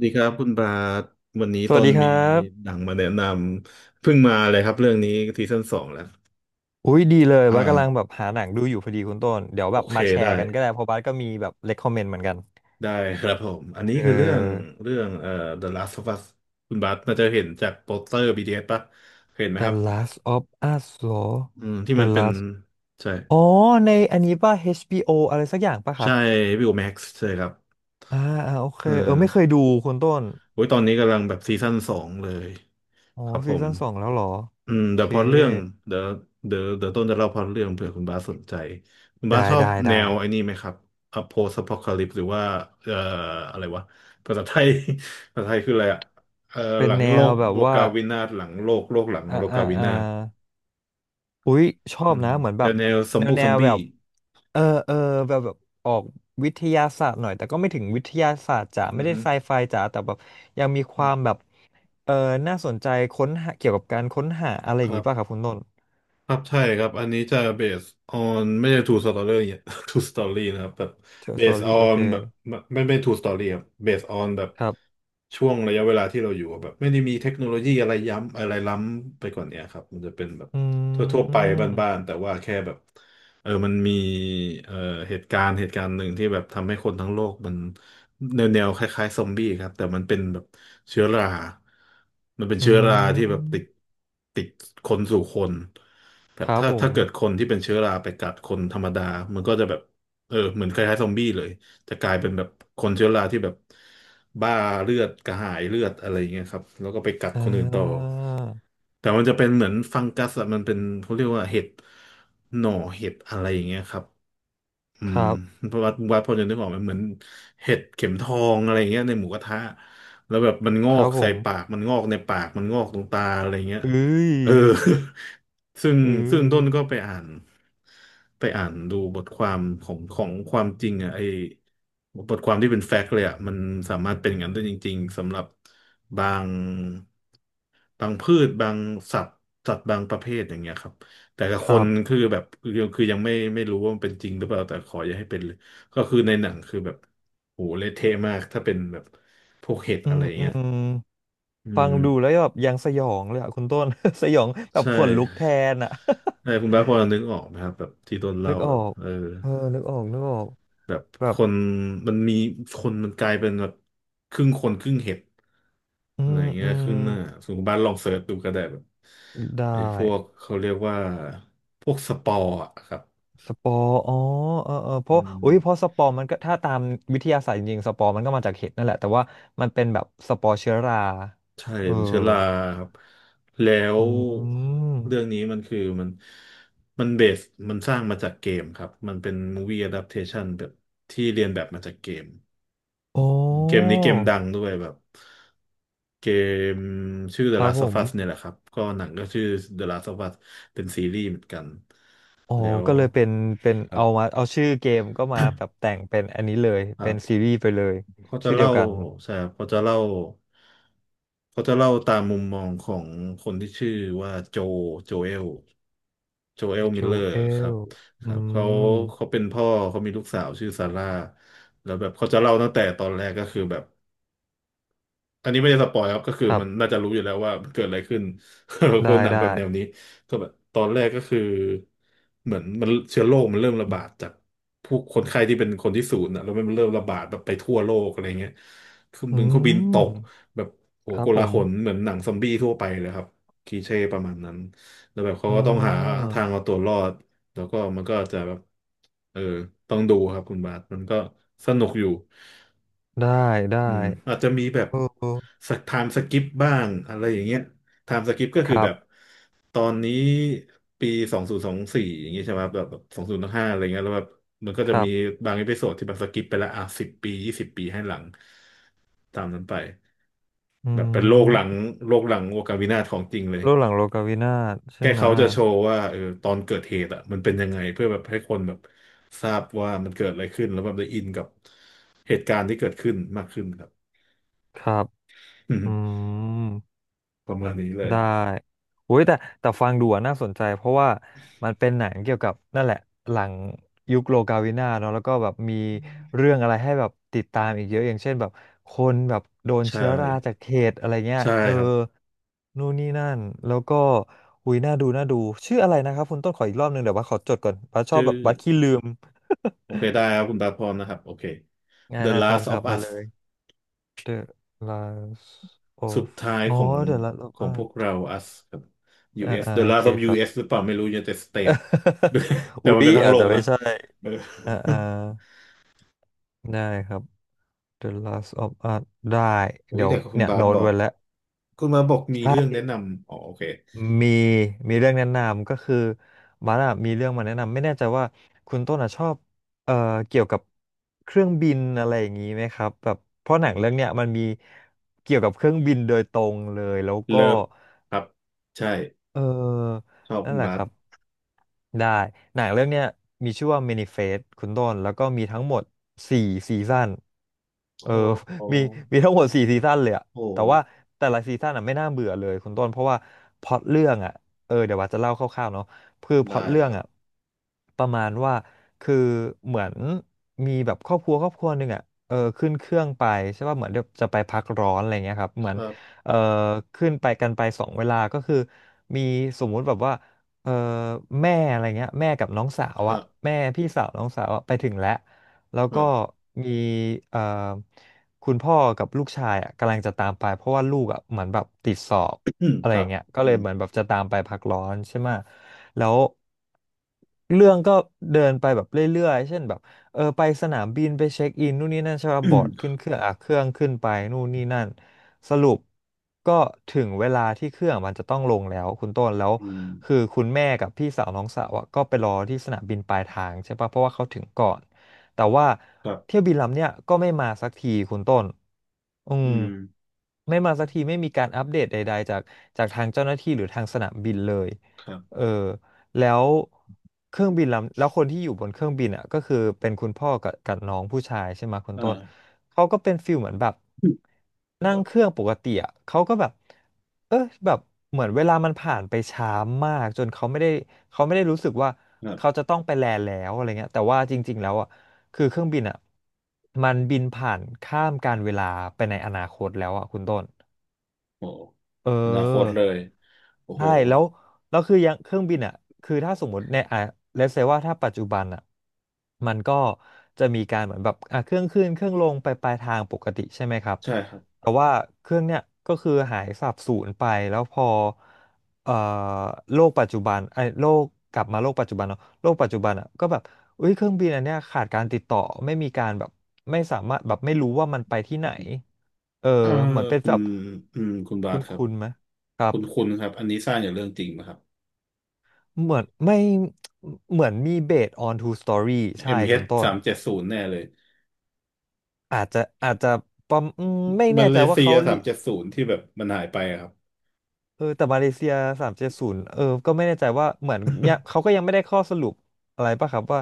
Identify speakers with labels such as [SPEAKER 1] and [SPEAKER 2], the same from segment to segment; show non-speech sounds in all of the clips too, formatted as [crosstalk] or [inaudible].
[SPEAKER 1] ดีครับคุณบาทวันนี้
[SPEAKER 2] ส
[SPEAKER 1] ต
[SPEAKER 2] วัส
[SPEAKER 1] น
[SPEAKER 2] ดีค
[SPEAKER 1] มี
[SPEAKER 2] รั
[SPEAKER 1] ห
[SPEAKER 2] บ
[SPEAKER 1] นังมาแนะนำเพิ่งมาเลยครับเรื่องนี้ซีซั่นสองแล้ว
[SPEAKER 2] อุ้ยดีเลยว่ากำลัง
[SPEAKER 1] อ่า
[SPEAKER 2] แบบหาหนังดูอยู่พอดีคุณต้นเดี๋ยว
[SPEAKER 1] โอ
[SPEAKER 2] แบบ
[SPEAKER 1] เค
[SPEAKER 2] มาแช
[SPEAKER 1] ได้
[SPEAKER 2] ร์กันก็ได้เพราะบัสก็มีแบบ recommend เหมือนกัน
[SPEAKER 1] ได้ครับผมอันนี้
[SPEAKER 2] เ
[SPEAKER 1] คือเรื่อง
[SPEAKER 2] ออ
[SPEAKER 1] เรื่องเอ่อ The Last of Us คุณบาทน่าจะเห็นจากโปสเตอร์ b อ s ปะเห็นไหมค
[SPEAKER 2] The
[SPEAKER 1] รับ
[SPEAKER 2] Last of Us เหรอ
[SPEAKER 1] อืมที่
[SPEAKER 2] The
[SPEAKER 1] มันเป็น
[SPEAKER 2] Last
[SPEAKER 1] ใช่
[SPEAKER 2] อ๋อในอันนี้ป่ะ HBO อชบีโออะไรสักอย่างป่ะครั
[SPEAKER 1] ใช่
[SPEAKER 2] บ
[SPEAKER 1] วิวแม็กซ์ใช่ครับ
[SPEAKER 2] อ่าอ่าโอเค
[SPEAKER 1] เอ
[SPEAKER 2] เออ
[SPEAKER 1] อ
[SPEAKER 2] ไม่เคยดูคุณต้น
[SPEAKER 1] โอ้ยตอนนี้กำลังแบบซีซั่นสองเลย
[SPEAKER 2] อ๋อ
[SPEAKER 1] ครับผ
[SPEAKER 2] ซี
[SPEAKER 1] ม
[SPEAKER 2] ซั่นสองแล้วเหรอ
[SPEAKER 1] อื
[SPEAKER 2] โอ
[SPEAKER 1] มเดี๋
[SPEAKER 2] เค
[SPEAKER 1] ยวพอเรื่องเดี๋ยวเดี๋ยวต้นจะเล่าพอเรื่องเผื่อคุณบาสสนใจคุณบาส
[SPEAKER 2] ได้
[SPEAKER 1] ชอบ
[SPEAKER 2] ได้
[SPEAKER 1] แน
[SPEAKER 2] ได้
[SPEAKER 1] วไอ้นี่ไหมครับอโพส p อ c ค l ลิปหรือว่าเอ่ออะไรวะภาษาไทย [laughs] ภาษาไทยคืออะไรอ่ะเอ่อ
[SPEAKER 2] เป็
[SPEAKER 1] ห
[SPEAKER 2] น
[SPEAKER 1] ลัง
[SPEAKER 2] แน
[SPEAKER 1] โล
[SPEAKER 2] ว
[SPEAKER 1] ก
[SPEAKER 2] แบบ
[SPEAKER 1] โล
[SPEAKER 2] ว่า
[SPEAKER 1] กาวินาศหลังโลกโลกหลัง
[SPEAKER 2] อ่า
[SPEAKER 1] โล
[SPEAKER 2] อ่า
[SPEAKER 1] กาวิ
[SPEAKER 2] อ่า
[SPEAKER 1] นาศ
[SPEAKER 2] อุ้ยชอ
[SPEAKER 1] อื
[SPEAKER 2] บ
[SPEAKER 1] ม
[SPEAKER 2] นะเหมือนแบ
[SPEAKER 1] แล้
[SPEAKER 2] บ
[SPEAKER 1] วแนวซอม
[SPEAKER 2] แนว
[SPEAKER 1] บุก
[SPEAKER 2] แน
[SPEAKER 1] ซอม
[SPEAKER 2] ว
[SPEAKER 1] บี้
[SPEAKER 2] แบบ เออเออแบบออกวิทยาศาสตร์หน่อยแต่ก็ไม่ถึงวิทยาศาสตร์จ๋า
[SPEAKER 1] อื
[SPEAKER 2] ไม่
[SPEAKER 1] อ
[SPEAKER 2] ได้
[SPEAKER 1] ฮึ
[SPEAKER 2] ไซไฟจ๋าแต่แบบยังมีความแบบเออน่าสนใจค้นหาเกี่ยวกับการค้นหาอะไรอ
[SPEAKER 1] ค
[SPEAKER 2] ย่าง
[SPEAKER 1] รั
[SPEAKER 2] งี้ป่ะครั
[SPEAKER 1] บ
[SPEAKER 2] บคุณต้น
[SPEAKER 1] ครับใช่ครับอันนี้จะ based on ไม่ใช่ true story เนี่ย [laughs] true story นะครับแบบ
[SPEAKER 2] สอ
[SPEAKER 1] based
[SPEAKER 2] รี่โอ
[SPEAKER 1] on
[SPEAKER 2] เค
[SPEAKER 1] แบบไม่ไม่ไม่ true story ครับ based on แบบ
[SPEAKER 2] ครับ
[SPEAKER 1] ช่วงระยะเวลาที่เราอยู่อะแบบไม่ได้มีเทคโนโลยีอะไรย้ำอะไรล้ำไปกว่าเนี้ยครับมันจะเป็นแบบ
[SPEAKER 2] อ
[SPEAKER 1] ท
[SPEAKER 2] ื
[SPEAKER 1] ั่วๆไป
[SPEAKER 2] ม
[SPEAKER 1] บ้านๆแต่ว่าแค่แบบเออมันมีเอ่อเหตุการณ์หนึ่งที่แบบทำให้คนทั้งโลกมันแนวแนวคล้ายๆซอมบี้ครับแต่มันเป็นแบบเชื้อรา มันเป็น
[SPEAKER 2] อื
[SPEAKER 1] เชื้อราที่แบบติด
[SPEAKER 2] ม
[SPEAKER 1] ติดคนสู่คน แบ
[SPEAKER 2] ค
[SPEAKER 1] บ
[SPEAKER 2] รับ
[SPEAKER 1] ถ้า
[SPEAKER 2] ผ
[SPEAKER 1] ถ้า
[SPEAKER 2] ม
[SPEAKER 1] เกิดคนที่เป็นเชื้อราไปกัดคนธรรมดามันก็จะแบบเออเหมือนคล้ายๆซอมบี้เลยจะกลายเป็นแบบคนเชื้อราที่แบบบ้าเลือดกระหายเลือดอะไรอย่างเงี้ยครับแล้วก็ไปกัด
[SPEAKER 2] เ
[SPEAKER 1] คนอื่นต่อ
[SPEAKER 2] ออ
[SPEAKER 1] แต่มันจะเป็นเหมือนฟังกัสอะมันเป็นเขาเรียกว่าเห็ดหน่อเห็ดอะไรอย่างเงี้ยครับ อื
[SPEAKER 2] ค
[SPEAKER 1] ม
[SPEAKER 2] รับ
[SPEAKER 1] วัดพอจะนึกออกไหมเหมือนเห็ดเข็มทองอะไรเงี้ยในหมูกระทะแล้วแบบมันงอ
[SPEAKER 2] ครั
[SPEAKER 1] ก
[SPEAKER 2] บผ
[SPEAKER 1] ใส่
[SPEAKER 2] ม
[SPEAKER 1] ปากมันงอกในปากมันงอกตรงตาอะไรเงี้ย
[SPEAKER 2] เอ้ย
[SPEAKER 1] เออ [laughs] ซึ่ง
[SPEAKER 2] เอ
[SPEAKER 1] ซึ่งต้น
[SPEAKER 2] อ
[SPEAKER 1] ก็ไปอ่านดูบทความของความจริงอ่ะไอบทความที่เป็นแฟกต์เลยอ่ะมันสามารถเป็นอย่างนั้นได้จริงๆสำหรับบางบางพืชบางสัตว์สัตว์บางประเภทอย่างเงี้ยครับ แต่กับ
[SPEAKER 2] ค
[SPEAKER 1] ค
[SPEAKER 2] รั
[SPEAKER 1] น
[SPEAKER 2] บ
[SPEAKER 1] คือแบบคือยังไม่รู้ว่ามันเป็นจริงหรือเปล่าแต่ขออย่าให้เป็นเลยก็คือในหนังคือแบบโหเละเทะมากถ้าเป็นแบบพวกเห็ด
[SPEAKER 2] อื
[SPEAKER 1] อะไร
[SPEAKER 2] มอื
[SPEAKER 1] เงี้ย
[SPEAKER 2] ม
[SPEAKER 1] อื
[SPEAKER 2] ฟัง
[SPEAKER 1] ม
[SPEAKER 2] ดูแล้วแบบยังสยองเลยอ่ะคุณต้น [laughs] สยองแบบ
[SPEAKER 1] ใช่
[SPEAKER 2] ขนลุกแทนอ่ะ
[SPEAKER 1] ใช่คุณบ้าสพอนึกออกไหมครับแบบที่โดน
[SPEAKER 2] นึ
[SPEAKER 1] เล่า
[SPEAKER 2] กอ
[SPEAKER 1] แบ
[SPEAKER 2] อ
[SPEAKER 1] บ
[SPEAKER 2] ก
[SPEAKER 1] เออ
[SPEAKER 2] เออนึกออกนึกออก
[SPEAKER 1] แบบ
[SPEAKER 2] แบ
[SPEAKER 1] ค
[SPEAKER 2] บ
[SPEAKER 1] นมันมีคนมันกลายเป็นแบบครึ่งคนครึ่งเห็ด
[SPEAKER 2] อื
[SPEAKER 1] อะไร
[SPEAKER 2] ม
[SPEAKER 1] เงี้
[SPEAKER 2] อื
[SPEAKER 1] ยค
[SPEAKER 2] ม
[SPEAKER 1] รึ่งหน้าสมมติคุณบ้านลองเสิร์ชดูก็ได้แบบ
[SPEAKER 2] ได้
[SPEAKER 1] ไอ้พวกเขาเรียกว่าพวกสปอร์อะครับ
[SPEAKER 2] สปอร์อ๋อเออเออเพ
[SPEAKER 1] อื
[SPEAKER 2] ราะ
[SPEAKER 1] ม
[SPEAKER 2] อุ้ยเพราะสปอร์มันก็ถ้าตามวิทยาศาสตร์จริงๆสปอร์มันก็มาจากเห็ดนั่นแหละแต่ว่ามันเป็นแบบสปอร์เชื้อรา
[SPEAKER 1] ใช่
[SPEAKER 2] เออ
[SPEAKER 1] มันเชื้อราครับ แล้ว
[SPEAKER 2] อื
[SPEAKER 1] เรื่อง
[SPEAKER 2] ม
[SPEAKER 1] นี้มันคือมันมันเบสมันสร้างมาจากเกมครับ มันเป็นมูวี่อะดัปเทชันแบบที่เรียนแบบมาจากเกม
[SPEAKER 2] โอ้
[SPEAKER 1] อืมเกมนี้เกมดังด้วยแบบเกมชื่อ
[SPEAKER 2] ค
[SPEAKER 1] The
[SPEAKER 2] รับ
[SPEAKER 1] Last
[SPEAKER 2] ผ
[SPEAKER 1] of
[SPEAKER 2] ม
[SPEAKER 1] Us เนี่ยแหละครับ ก็หนังก็ชื่อ The Last of Us เป็นซีรีส์เหมือนกัน
[SPEAKER 2] อ๋อ
[SPEAKER 1] แล้ว
[SPEAKER 2] ก็เลยเป็น
[SPEAKER 1] ครับ
[SPEAKER 2] เอาชื่อเกมก็มาแบบแต่งเป็นอันนี้เลย
[SPEAKER 1] [coughs] ครั
[SPEAKER 2] เป็นซี
[SPEAKER 1] บ
[SPEAKER 2] รีส์ไปเลย
[SPEAKER 1] เขาจะ
[SPEAKER 2] ชื่อเดี
[SPEAKER 1] เล่า
[SPEAKER 2] ยวกัน
[SPEAKER 1] ใช่ครับเขาจะเล่าตามมุมมองของคนที่ชื่อว่าโจเอล โจเอลมิล
[SPEAKER 2] จู
[SPEAKER 1] เลอร์
[SPEAKER 2] เอ
[SPEAKER 1] ครั
[SPEAKER 2] ล
[SPEAKER 1] บค
[SPEAKER 2] อื
[SPEAKER 1] รับเขา
[SPEAKER 2] ม
[SPEAKER 1] เขาเป็นพ่อ เขามีลูกสาวชื่อซาร่า แล้วแบบเขาจะเล่าตั้งแต่ตอนแรกก็คือแบบ อันนี้ไม่ได้สปอยครับก็คือ
[SPEAKER 2] ครับ
[SPEAKER 1] มันน่าจะรู้อยู่แล้วว่ามันเกิดอะไรขึ้น [laughs] เพราะ
[SPEAKER 2] ได้
[SPEAKER 1] หนังแบ
[SPEAKER 2] ได้
[SPEAKER 1] บแนวนี้ก็แบบตอนแรกก็คือเหมือนมันเชื้อโรคมันเริ่มระบาดจากผู้คนไข้ที่เป็นคนที่ศูนย์อ่ะแล้วมันเริ่มระบาดแบบไปทั่วโลกอะไรเงี้ยเครื่อง
[SPEAKER 2] อื
[SPEAKER 1] บินเครื่องบินต
[SPEAKER 2] ม
[SPEAKER 1] กแบบโอ้
[SPEAKER 2] ค
[SPEAKER 1] โห
[SPEAKER 2] รั
[SPEAKER 1] โก
[SPEAKER 2] บผ
[SPEAKER 1] ลา
[SPEAKER 2] ม
[SPEAKER 1] หลเหมือนหนังซอมบี้ทั่วไปเลยครับคลีเช่ประมาณนั้นแล้วแบบ
[SPEAKER 2] เ
[SPEAKER 1] เขาก็ต้องหา
[SPEAKER 2] ออ
[SPEAKER 1] ทางเอาตัวรอดแล้วก็มันก็จะแบบเออต้องดูครับคุณบาทมันก็สนุกอยู่
[SPEAKER 2] ได้ได้
[SPEAKER 1] อืมอาจจะมีแบบ
[SPEAKER 2] เออ
[SPEAKER 1] สักไทม์สกิปบ้างอะไรอย่างเงี้ยไทม์สกิปก็
[SPEAKER 2] ค
[SPEAKER 1] คือ
[SPEAKER 2] รั
[SPEAKER 1] แบบ
[SPEAKER 2] บ
[SPEAKER 1] ตอนนี้ปี2024อย่างเงี้ยใช่ไหมครับแบบ2025อะไรเงี้ยแล้วแบบมันก็
[SPEAKER 2] ค
[SPEAKER 1] จะ
[SPEAKER 2] รั
[SPEAKER 1] มี
[SPEAKER 2] บ
[SPEAKER 1] บางเอพิโซดที่แบบสกิปไปละอ่ะสิบปี20 ปีให้หลังตามนั้นไป
[SPEAKER 2] อื
[SPEAKER 1] แบบเป็นโลกหลัง
[SPEAKER 2] ม
[SPEAKER 1] โลกหลังโอกาวินาศของจริงเลย
[SPEAKER 2] รูปหลังโลกาวินาศใช่
[SPEAKER 1] แค่
[SPEAKER 2] ไห
[SPEAKER 1] เขา
[SPEAKER 2] มะ
[SPEAKER 1] จะโชว์ว่าเออตอนเกิดเหตุอ่ะมันเป็นยังไงเพื่อแบบให้คนแบบทราบว่ามันเกิดอะไรขึ้นแล้วแบบได้อินกับเหตุการณ์ที่เกิดขึ้นมากขึ้นครับ
[SPEAKER 2] ครับอื
[SPEAKER 1] [laughs]
[SPEAKER 2] ม
[SPEAKER 1] ประมาณนี้เลย
[SPEAKER 2] ได้โอ้ยแต่แต่ฟังดูอะน่าสนใจเพราะว่ามันเป็นหนังเกี่ยวกับนั่นแหละหลังยุคโลกาวินาเนาะแล้วก็แบบมีเรื่องอะไรให้แบบติดตามอีกเยอะอย่างเช่นแบบคนแบบโดน
[SPEAKER 1] ใช่
[SPEAKER 2] เชื้อราจากเขตอะไรเงี้ย
[SPEAKER 1] ใช่
[SPEAKER 2] เออ
[SPEAKER 1] ครับ
[SPEAKER 2] นู่นนี่นั่นแล้วก็หุยน่าดูน่าดูชื่ออะไรนะครับคุณต้นขออีกรอบหนึ่งเดี๋ยวบัสขอจดก่อนบัสชอบ
[SPEAKER 1] ชื่
[SPEAKER 2] แบ
[SPEAKER 1] อ
[SPEAKER 2] บบัสขี้ลืม
[SPEAKER 1] โอเคได้ครับคุณตาพรนะครับโอเค
[SPEAKER 2] [laughs] ง่าย
[SPEAKER 1] The
[SPEAKER 2] ได้พร้อม
[SPEAKER 1] Last
[SPEAKER 2] ครั
[SPEAKER 1] of
[SPEAKER 2] บมา
[SPEAKER 1] Us
[SPEAKER 2] เลย The Lives
[SPEAKER 1] สุด
[SPEAKER 2] of
[SPEAKER 1] ท้าย
[SPEAKER 2] อ๋อ
[SPEAKER 1] ของ
[SPEAKER 2] The Last of
[SPEAKER 1] ของพว
[SPEAKER 2] Us
[SPEAKER 1] กเรา us ครับ
[SPEAKER 2] อ่า
[SPEAKER 1] US
[SPEAKER 2] อ่า
[SPEAKER 1] The
[SPEAKER 2] โอเค
[SPEAKER 1] Last of
[SPEAKER 2] ครับ
[SPEAKER 1] US หรือเปล่าไม่รู้ United States [laughs]
[SPEAKER 2] [laughs]
[SPEAKER 1] แต่
[SPEAKER 2] อุ๊
[SPEAKER 1] มัน
[SPEAKER 2] ย
[SPEAKER 1] เป็นทั้ง
[SPEAKER 2] อา
[SPEAKER 1] โล
[SPEAKER 2] จจะ
[SPEAKER 1] ก
[SPEAKER 2] ไม่
[SPEAKER 1] นะ
[SPEAKER 2] ใช่
[SPEAKER 1] เออ
[SPEAKER 2] อ่าอ่า
[SPEAKER 1] [laughs]
[SPEAKER 2] ได้ครับ The Last of Us ได้
[SPEAKER 1] โอ้ย
[SPEAKER 2] เดี๋ยว
[SPEAKER 1] แต่คุณ
[SPEAKER 2] เนี่ย
[SPEAKER 1] บาส
[SPEAKER 2] โน้ต
[SPEAKER 1] บอก
[SPEAKER 2] ไว้แล้ว
[SPEAKER 1] คุณบาสบอกมี
[SPEAKER 2] ใช่
[SPEAKER 1] เรื่องแนะนำอ๋อโอเค
[SPEAKER 2] มีมีเรื่องแนะนำก็คือมาร์ทอะมีเรื่องมาแนะนำไม่แน่ใจว่าคุณต้นอะชอบเอ่อเกี่ยวกับเครื่องบินอะไรอย่างนี้ไหมครับแบบเพราะหนังเรื่องเนี้ยมันมีเกี่ยวกับเครื่องบินโดยตรงเลยแล้วก็
[SPEAKER 1] Love ครับใช่
[SPEAKER 2] เออ
[SPEAKER 1] ชอบ
[SPEAKER 2] นั่
[SPEAKER 1] คุ
[SPEAKER 2] น
[SPEAKER 1] ณ
[SPEAKER 2] แหละ
[SPEAKER 1] บา
[SPEAKER 2] ค
[SPEAKER 1] ส
[SPEAKER 2] รับ ได้หนังเรื่องเนี้ยมีชื่อว่า Manifest คุณต้นแล้วก็มีทั้งหมดสี่ซีซั่นเอ
[SPEAKER 1] โอ้
[SPEAKER 2] อ
[SPEAKER 1] โหโอ้
[SPEAKER 2] [laughs] มีมีทั้งหมดสี่ซีซั่นเลยอะ
[SPEAKER 1] โห
[SPEAKER 2] แต่ว่าแต่ละซีซั่นอะไม่น่าเบื่อเลยคุณต้นเพราะว่าพล็อตเรื่องอะเออเดี๋ยวว่าจะเล่าคร่าวๆเนาะคือพล็อต
[SPEAKER 1] ได้
[SPEAKER 2] เรื่อ
[SPEAKER 1] ค
[SPEAKER 2] ง
[SPEAKER 1] รับ
[SPEAKER 2] อะประมาณว่าคือเหมือนมีแบบครอบครัวครอบครัวหนึ่งอะเออขึ้นเครื่องไปใช่ป่ะเหมือนเดี๋ยวจะไปพักร้อนอะไรเงี้ยครับเหมื
[SPEAKER 1] ค
[SPEAKER 2] อน
[SPEAKER 1] รับ
[SPEAKER 2] เอ่อขึ้นไปกันไปสองเวลาก็คือมีสมมุติแบบว่า เอ่อแม่อะไรเงี้ยแม่กับน้องสาว
[SPEAKER 1] ฮะ
[SPEAKER 2] อะแม่พี่สาวน้องสาวอะไปถึงแล้วแล้ว
[SPEAKER 1] ฮะ
[SPEAKER 2] ก็มีเอ่อคุณพ่อกับลูกชายอะกำลังจะตามไปเพราะว่าลูกอะเหมือนแบบติดสอบอะไร
[SPEAKER 1] [coughs] ค
[SPEAKER 2] อ
[SPEAKER 1] รั
[SPEAKER 2] ย่า
[SPEAKER 1] บ
[SPEAKER 2] งเงี้ยก็
[SPEAKER 1] อื
[SPEAKER 2] เลย
[SPEAKER 1] ม
[SPEAKER 2] เหมือนแบบจะตามไปพักร้อนใช่ไหมะแล้วเรื่องก็เดินไปแบบเรื่อยๆเช่นแบบเออไปสนามบินไปเช็คอินนู่นนี่นั่นใช่ป่ะบอร์ดขึ้
[SPEAKER 1] [coughs]
[SPEAKER 2] นเครื่องอ่ะเครื่องขึ้นไปนู่นนี่นั่น สรุปก็ถึงเวลาที่เครื่องมันจะต้องลงแล้วคุณต้นแล้ว
[SPEAKER 1] อืม
[SPEAKER 2] คือคุณแม่กับพี่สาวน้องสาวอะก็ไปรอที่สนามบินปลายทางใช่ปะเพราะว่าเขาถึงก่อนแต่ว่า
[SPEAKER 1] ครับ
[SPEAKER 2] เที่ยวบินลำเนี้ยก็ไม่มาสักทีคุณต้นอื
[SPEAKER 1] อื
[SPEAKER 2] ม
[SPEAKER 1] ม
[SPEAKER 2] ไม่มาสักทีไม่มีการอัปเดตใดๆจากทางเจ้าหน้าที่หรือทางสนามบินเลย
[SPEAKER 1] ครับ
[SPEAKER 2] เออ แล้วเครื่องบินลำแล้วคนที่อยู่บนเครื่องบินอ่ะก็คือเป็นคุณพ่อกับน้องผู้ชายใช่ไหมคุณต้น
[SPEAKER 1] อ่า
[SPEAKER 2] เขาก็เป็นฟิลเหมือนแบบนั่
[SPEAKER 1] ค
[SPEAKER 2] ง
[SPEAKER 1] รั
[SPEAKER 2] เครื่
[SPEAKER 1] บ
[SPEAKER 2] องปกติอ่ะเขาก็แบบเออแบบเหมือนเวลามันผ่านไปช้ามากจนเขาไม่ได้เขาไม่ได้รู้สึกว่า
[SPEAKER 1] ครั
[SPEAKER 2] เขา
[SPEAKER 1] บ
[SPEAKER 2] จะต้องไปแลนด์แล้วอะไรเงี้ยแต่ว่าจริงๆแล้วอ่ะคือเครื่องบินอ่ะมันบินผ่านข้ามการเวลาไปในอนาคตแล้วอ่ะคุณต้น
[SPEAKER 1] โอ้โห
[SPEAKER 2] เ
[SPEAKER 1] อนาคต
[SPEAKER 2] ออ
[SPEAKER 1] เลยโอ้โห
[SPEAKER 2] ใช่แล้วแล้วคือยังเครื่องบินอ่ะคือถ้าสมมติเนี่ยอ่ะเลเซว่าถ้าปัจจุบันอ่ะมันก็จะมีการเหมือนแบบอ่ะเครื่องขึ้นเครื่องลงไปปลายทางปกติใช่ไหมครับ
[SPEAKER 1] ใช่ครับ
[SPEAKER 2] แต่ว่าเครื่องเนี่ยก็คือหายสาบสูญไปแล้วพอเอ่อโลกปัจจุบันไอ้โลกกลับมาโลกปัจจุบันเนาะโลกปัจจุบันอ่ะก็แบบอุ้ยเครื่องบินอันเนี้ยขาดการติดต่อไม่มีการแบบไม่สามารถแบบไม่รู้ว่ามันไปที่ไหน เออ
[SPEAKER 1] เออ
[SPEAKER 2] เหมือนเป็น
[SPEAKER 1] คุ
[SPEAKER 2] แบ
[SPEAKER 1] ณ
[SPEAKER 2] บ
[SPEAKER 1] อืมคุณบาส
[SPEAKER 2] คุ้น
[SPEAKER 1] ครับ
[SPEAKER 2] คุ้นไหมครั
[SPEAKER 1] คุ
[SPEAKER 2] บ
[SPEAKER 1] ณคุณครับอันนี้สร้างอย่างเรื่องจริงนะครับ
[SPEAKER 2] เหมือนไม่เหมือนมีเบส on two story ใช่คุ
[SPEAKER 1] MH
[SPEAKER 2] ณต้
[SPEAKER 1] สา
[SPEAKER 2] น
[SPEAKER 1] มเจ็ดศูนย์แน่เลย
[SPEAKER 2] อาจจะอาจจะประมไม่
[SPEAKER 1] มา
[SPEAKER 2] แน่
[SPEAKER 1] เล
[SPEAKER 2] ใจว่า
[SPEAKER 1] เซีย
[SPEAKER 2] เขา
[SPEAKER 1] สา
[SPEAKER 2] ลิ
[SPEAKER 1] มเจ็ดศูนย์ที่แบบมันหายไปอะครับ
[SPEAKER 2] เออแต่มาเลเซียสามเจ็ดศูนย์เออก็ไม่แน่ใจว่าเหมือนยังเขาก็ยังไม่ได้ข้อสรุปอะไรป่ะครับว่า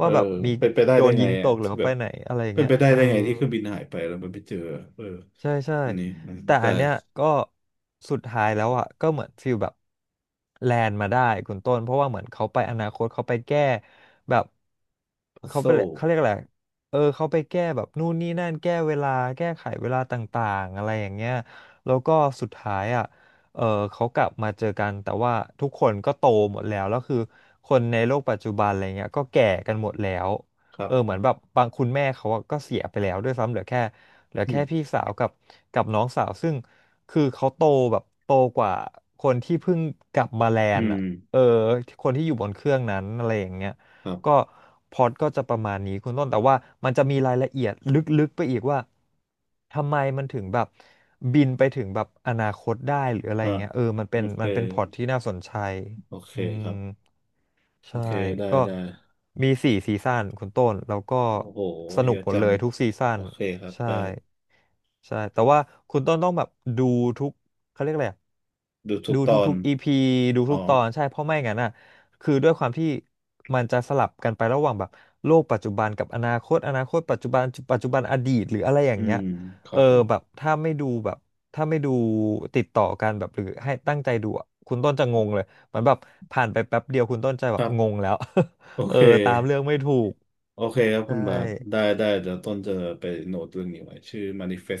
[SPEAKER 1] เอ
[SPEAKER 2] ว่า
[SPEAKER 1] อ
[SPEAKER 2] แบบมี
[SPEAKER 1] เป็นไปได้
[SPEAKER 2] โด
[SPEAKER 1] ได้
[SPEAKER 2] น
[SPEAKER 1] ไง
[SPEAKER 2] ยิงต
[SPEAKER 1] อ่ะ
[SPEAKER 2] กหรือ
[SPEAKER 1] ที่
[SPEAKER 2] เขา
[SPEAKER 1] แบ
[SPEAKER 2] ไป
[SPEAKER 1] บ
[SPEAKER 2] ไหนอะไรอย่าง
[SPEAKER 1] เป็น
[SPEAKER 2] เงี้ย
[SPEAKER 1] ไปได้
[SPEAKER 2] เออ
[SPEAKER 1] ได้ไงที่เครื่องบินหายไปแล้วมันไปเจอเออ
[SPEAKER 2] ใช่ใช่
[SPEAKER 1] อันนี้
[SPEAKER 2] แต่
[SPEAKER 1] ได้
[SPEAKER 2] อันเนี้ยก็สุดท้ายแล้วอ่ะก็เหมือนฟีลแบบแลนด์มาได้คุณต้นเพราะว่าเหมือนเขาไปอนาคตเขาไปแก้แบบ
[SPEAKER 1] พัซ
[SPEAKER 2] เขา
[SPEAKER 1] โซ
[SPEAKER 2] ไปเลยเขาเรียกอะไรเออเขาไปแก้แบบนู่นนี่นั่นแก้เวลาแก้ไขเวลาต่างๆอะไรอย่างเงี้ยแล้วก็สุดท้ายอ่ะเออเขากลับมาเจอกันแต่ว่าทุกคนก็โตหมดแล้วแล้วคือคนในโลกปัจจุบันอะไรเงี้ยก็แก่กันหมดแล้ว
[SPEAKER 1] ครั
[SPEAKER 2] เออเห
[SPEAKER 1] บ
[SPEAKER 2] มือนแบบบางคุณแม่เขาอะก็เสียไปแล้วด้วยซ้ำเหลือแค่เหลือ
[SPEAKER 1] อื
[SPEAKER 2] แค่
[SPEAKER 1] ม
[SPEAKER 2] พี่สาวกับกับน้องสาวซึ่งคือเขาโตแบบโตกว่าคนที่เพิ่งกลับมาแล
[SPEAKER 1] อื
[SPEAKER 2] นด์
[SPEAKER 1] ม
[SPEAKER 2] อะเออคนที่อยู่บนเครื่องนั้นอะไรอย่างเงี้ย
[SPEAKER 1] ครั
[SPEAKER 2] ก็
[SPEAKER 1] บ
[SPEAKER 2] พล็อตก็จะประมาณนี้คุณต้นแต่ว่ามันจะมีรายละเอียดลึกๆไปอีกว่าทำไมมันถึงแบบบินไปถึงแบบอนาคตได้หรืออะไร
[SPEAKER 1] อ่า
[SPEAKER 2] อย่างเงี้ยเออมันเป็
[SPEAKER 1] โอ
[SPEAKER 2] น
[SPEAKER 1] เค
[SPEAKER 2] มันเป็นพล็อตที่น่าสนใจ
[SPEAKER 1] โอเค
[SPEAKER 2] อืม
[SPEAKER 1] ครับโอ
[SPEAKER 2] ใช่
[SPEAKER 1] เคได้
[SPEAKER 2] ก็
[SPEAKER 1] ได้
[SPEAKER 2] มีสี่ซีซั่นคุณต้นแล้วก็
[SPEAKER 1] โอ้โห
[SPEAKER 2] สนุ
[SPEAKER 1] เย
[SPEAKER 2] ก
[SPEAKER 1] อะ
[SPEAKER 2] หมด
[SPEAKER 1] จั
[SPEAKER 2] เล
[SPEAKER 1] ง
[SPEAKER 2] ยทุกซีซั่
[SPEAKER 1] โอ
[SPEAKER 2] น
[SPEAKER 1] เคครับ
[SPEAKER 2] ใช่
[SPEAKER 1] ได้
[SPEAKER 2] ใช่แต่ว่าคุณต้นต้องแบบดูทุกเขาเรียกอะไรอะ
[SPEAKER 1] ดูทุก
[SPEAKER 2] ดู
[SPEAKER 1] ตอ
[SPEAKER 2] ทุ
[SPEAKER 1] น
[SPEAKER 2] กๆ EP ดู
[SPEAKER 1] อ๋อ
[SPEAKER 2] ทุกตอนใช่เพราะไม่งั้นอ่ะคือด้วยความที่มันจะสลับกันไประหว่างแบบโลกปัจจุบันกับอนาคตอนาคตปัจจุบันปัจจุบันอดีตหรืออะไรอย่า
[SPEAKER 1] อื
[SPEAKER 2] งเงี้
[SPEAKER 1] ม
[SPEAKER 2] ย
[SPEAKER 1] ค
[SPEAKER 2] เอ
[SPEAKER 1] รั
[SPEAKER 2] อ
[SPEAKER 1] บผม
[SPEAKER 2] แบบถ้าไม่ดูแบบถ้าไม่ดูติดต่อกันแบบหรือให้ตั้งใจดูอะคุณต้นจะงงเลย มันแบบผ่านไปแป๊บเดียวคุณต้นใจแบ
[SPEAKER 1] ค
[SPEAKER 2] บ
[SPEAKER 1] รั
[SPEAKER 2] ง
[SPEAKER 1] บ
[SPEAKER 2] งแล้ว
[SPEAKER 1] โอ
[SPEAKER 2] [laughs] เออ
[SPEAKER 1] เค
[SPEAKER 2] ตามเรื่องไม่ถูก
[SPEAKER 1] โอเคครับ
[SPEAKER 2] ใช่
[SPEAKER 1] คุณบาทได้ได้เดี๋ยวต้นจะไปโน้ตเรื่องนี้ไว้ชื่อ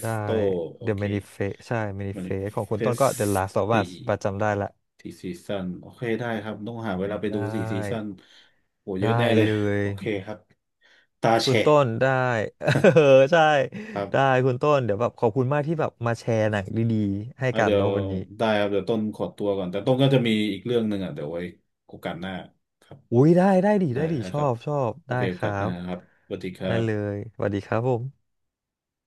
[SPEAKER 2] ได้
[SPEAKER 1] โอ
[SPEAKER 2] The
[SPEAKER 1] เค
[SPEAKER 2] Manifest ใช่ Manifest ของคุณต้นก็
[SPEAKER 1] Manifest
[SPEAKER 2] The Last of Us
[SPEAKER 1] สี่
[SPEAKER 2] ประจำได้ละ
[SPEAKER 1] สี่ซีซันโอเคได้ครับต้องหาเวลาไป
[SPEAKER 2] ได
[SPEAKER 1] ดูสี่ซีซัน
[SPEAKER 2] ้
[SPEAKER 1] โหเยอะ
[SPEAKER 2] ได้
[SPEAKER 1] แน่เลย
[SPEAKER 2] เลย
[SPEAKER 1] โอเคครับตา
[SPEAKER 2] คุณ
[SPEAKER 1] แฉะ
[SPEAKER 2] ต้นได้ [laughs] เออใช่
[SPEAKER 1] [laughs] ครั
[SPEAKER 2] ได้
[SPEAKER 1] บ
[SPEAKER 2] คุณต้นเดี๋ยวแบบขอบคุณมากที่แบบมาแชร์หนังดีๆให้
[SPEAKER 1] อ่ะ
[SPEAKER 2] กัน
[SPEAKER 1] เดี๋ยว
[SPEAKER 2] เนาะวันนี้
[SPEAKER 1] ได้ครับเดี๋ยวต้นขอตัวก่อนแต่ต้นก็จะมีอีกเรื่องหนึ่งอ่ะเดี๋ยวไว้โอกาสหน้าครับ
[SPEAKER 2] อุ้ยได้ได้ดี
[SPEAKER 1] ได้
[SPEAKER 2] ได้ดี
[SPEAKER 1] นะ
[SPEAKER 2] ช
[SPEAKER 1] ค
[SPEAKER 2] อ
[SPEAKER 1] รับ
[SPEAKER 2] บชอบ
[SPEAKER 1] โอ
[SPEAKER 2] ได้
[SPEAKER 1] เคโอ
[SPEAKER 2] ครั
[SPEAKER 1] กาสหน้า
[SPEAKER 2] บ
[SPEAKER 1] ครับสวัสดีครั
[SPEAKER 2] ได้เล
[SPEAKER 1] บ
[SPEAKER 2] ยสวัสดีครับผม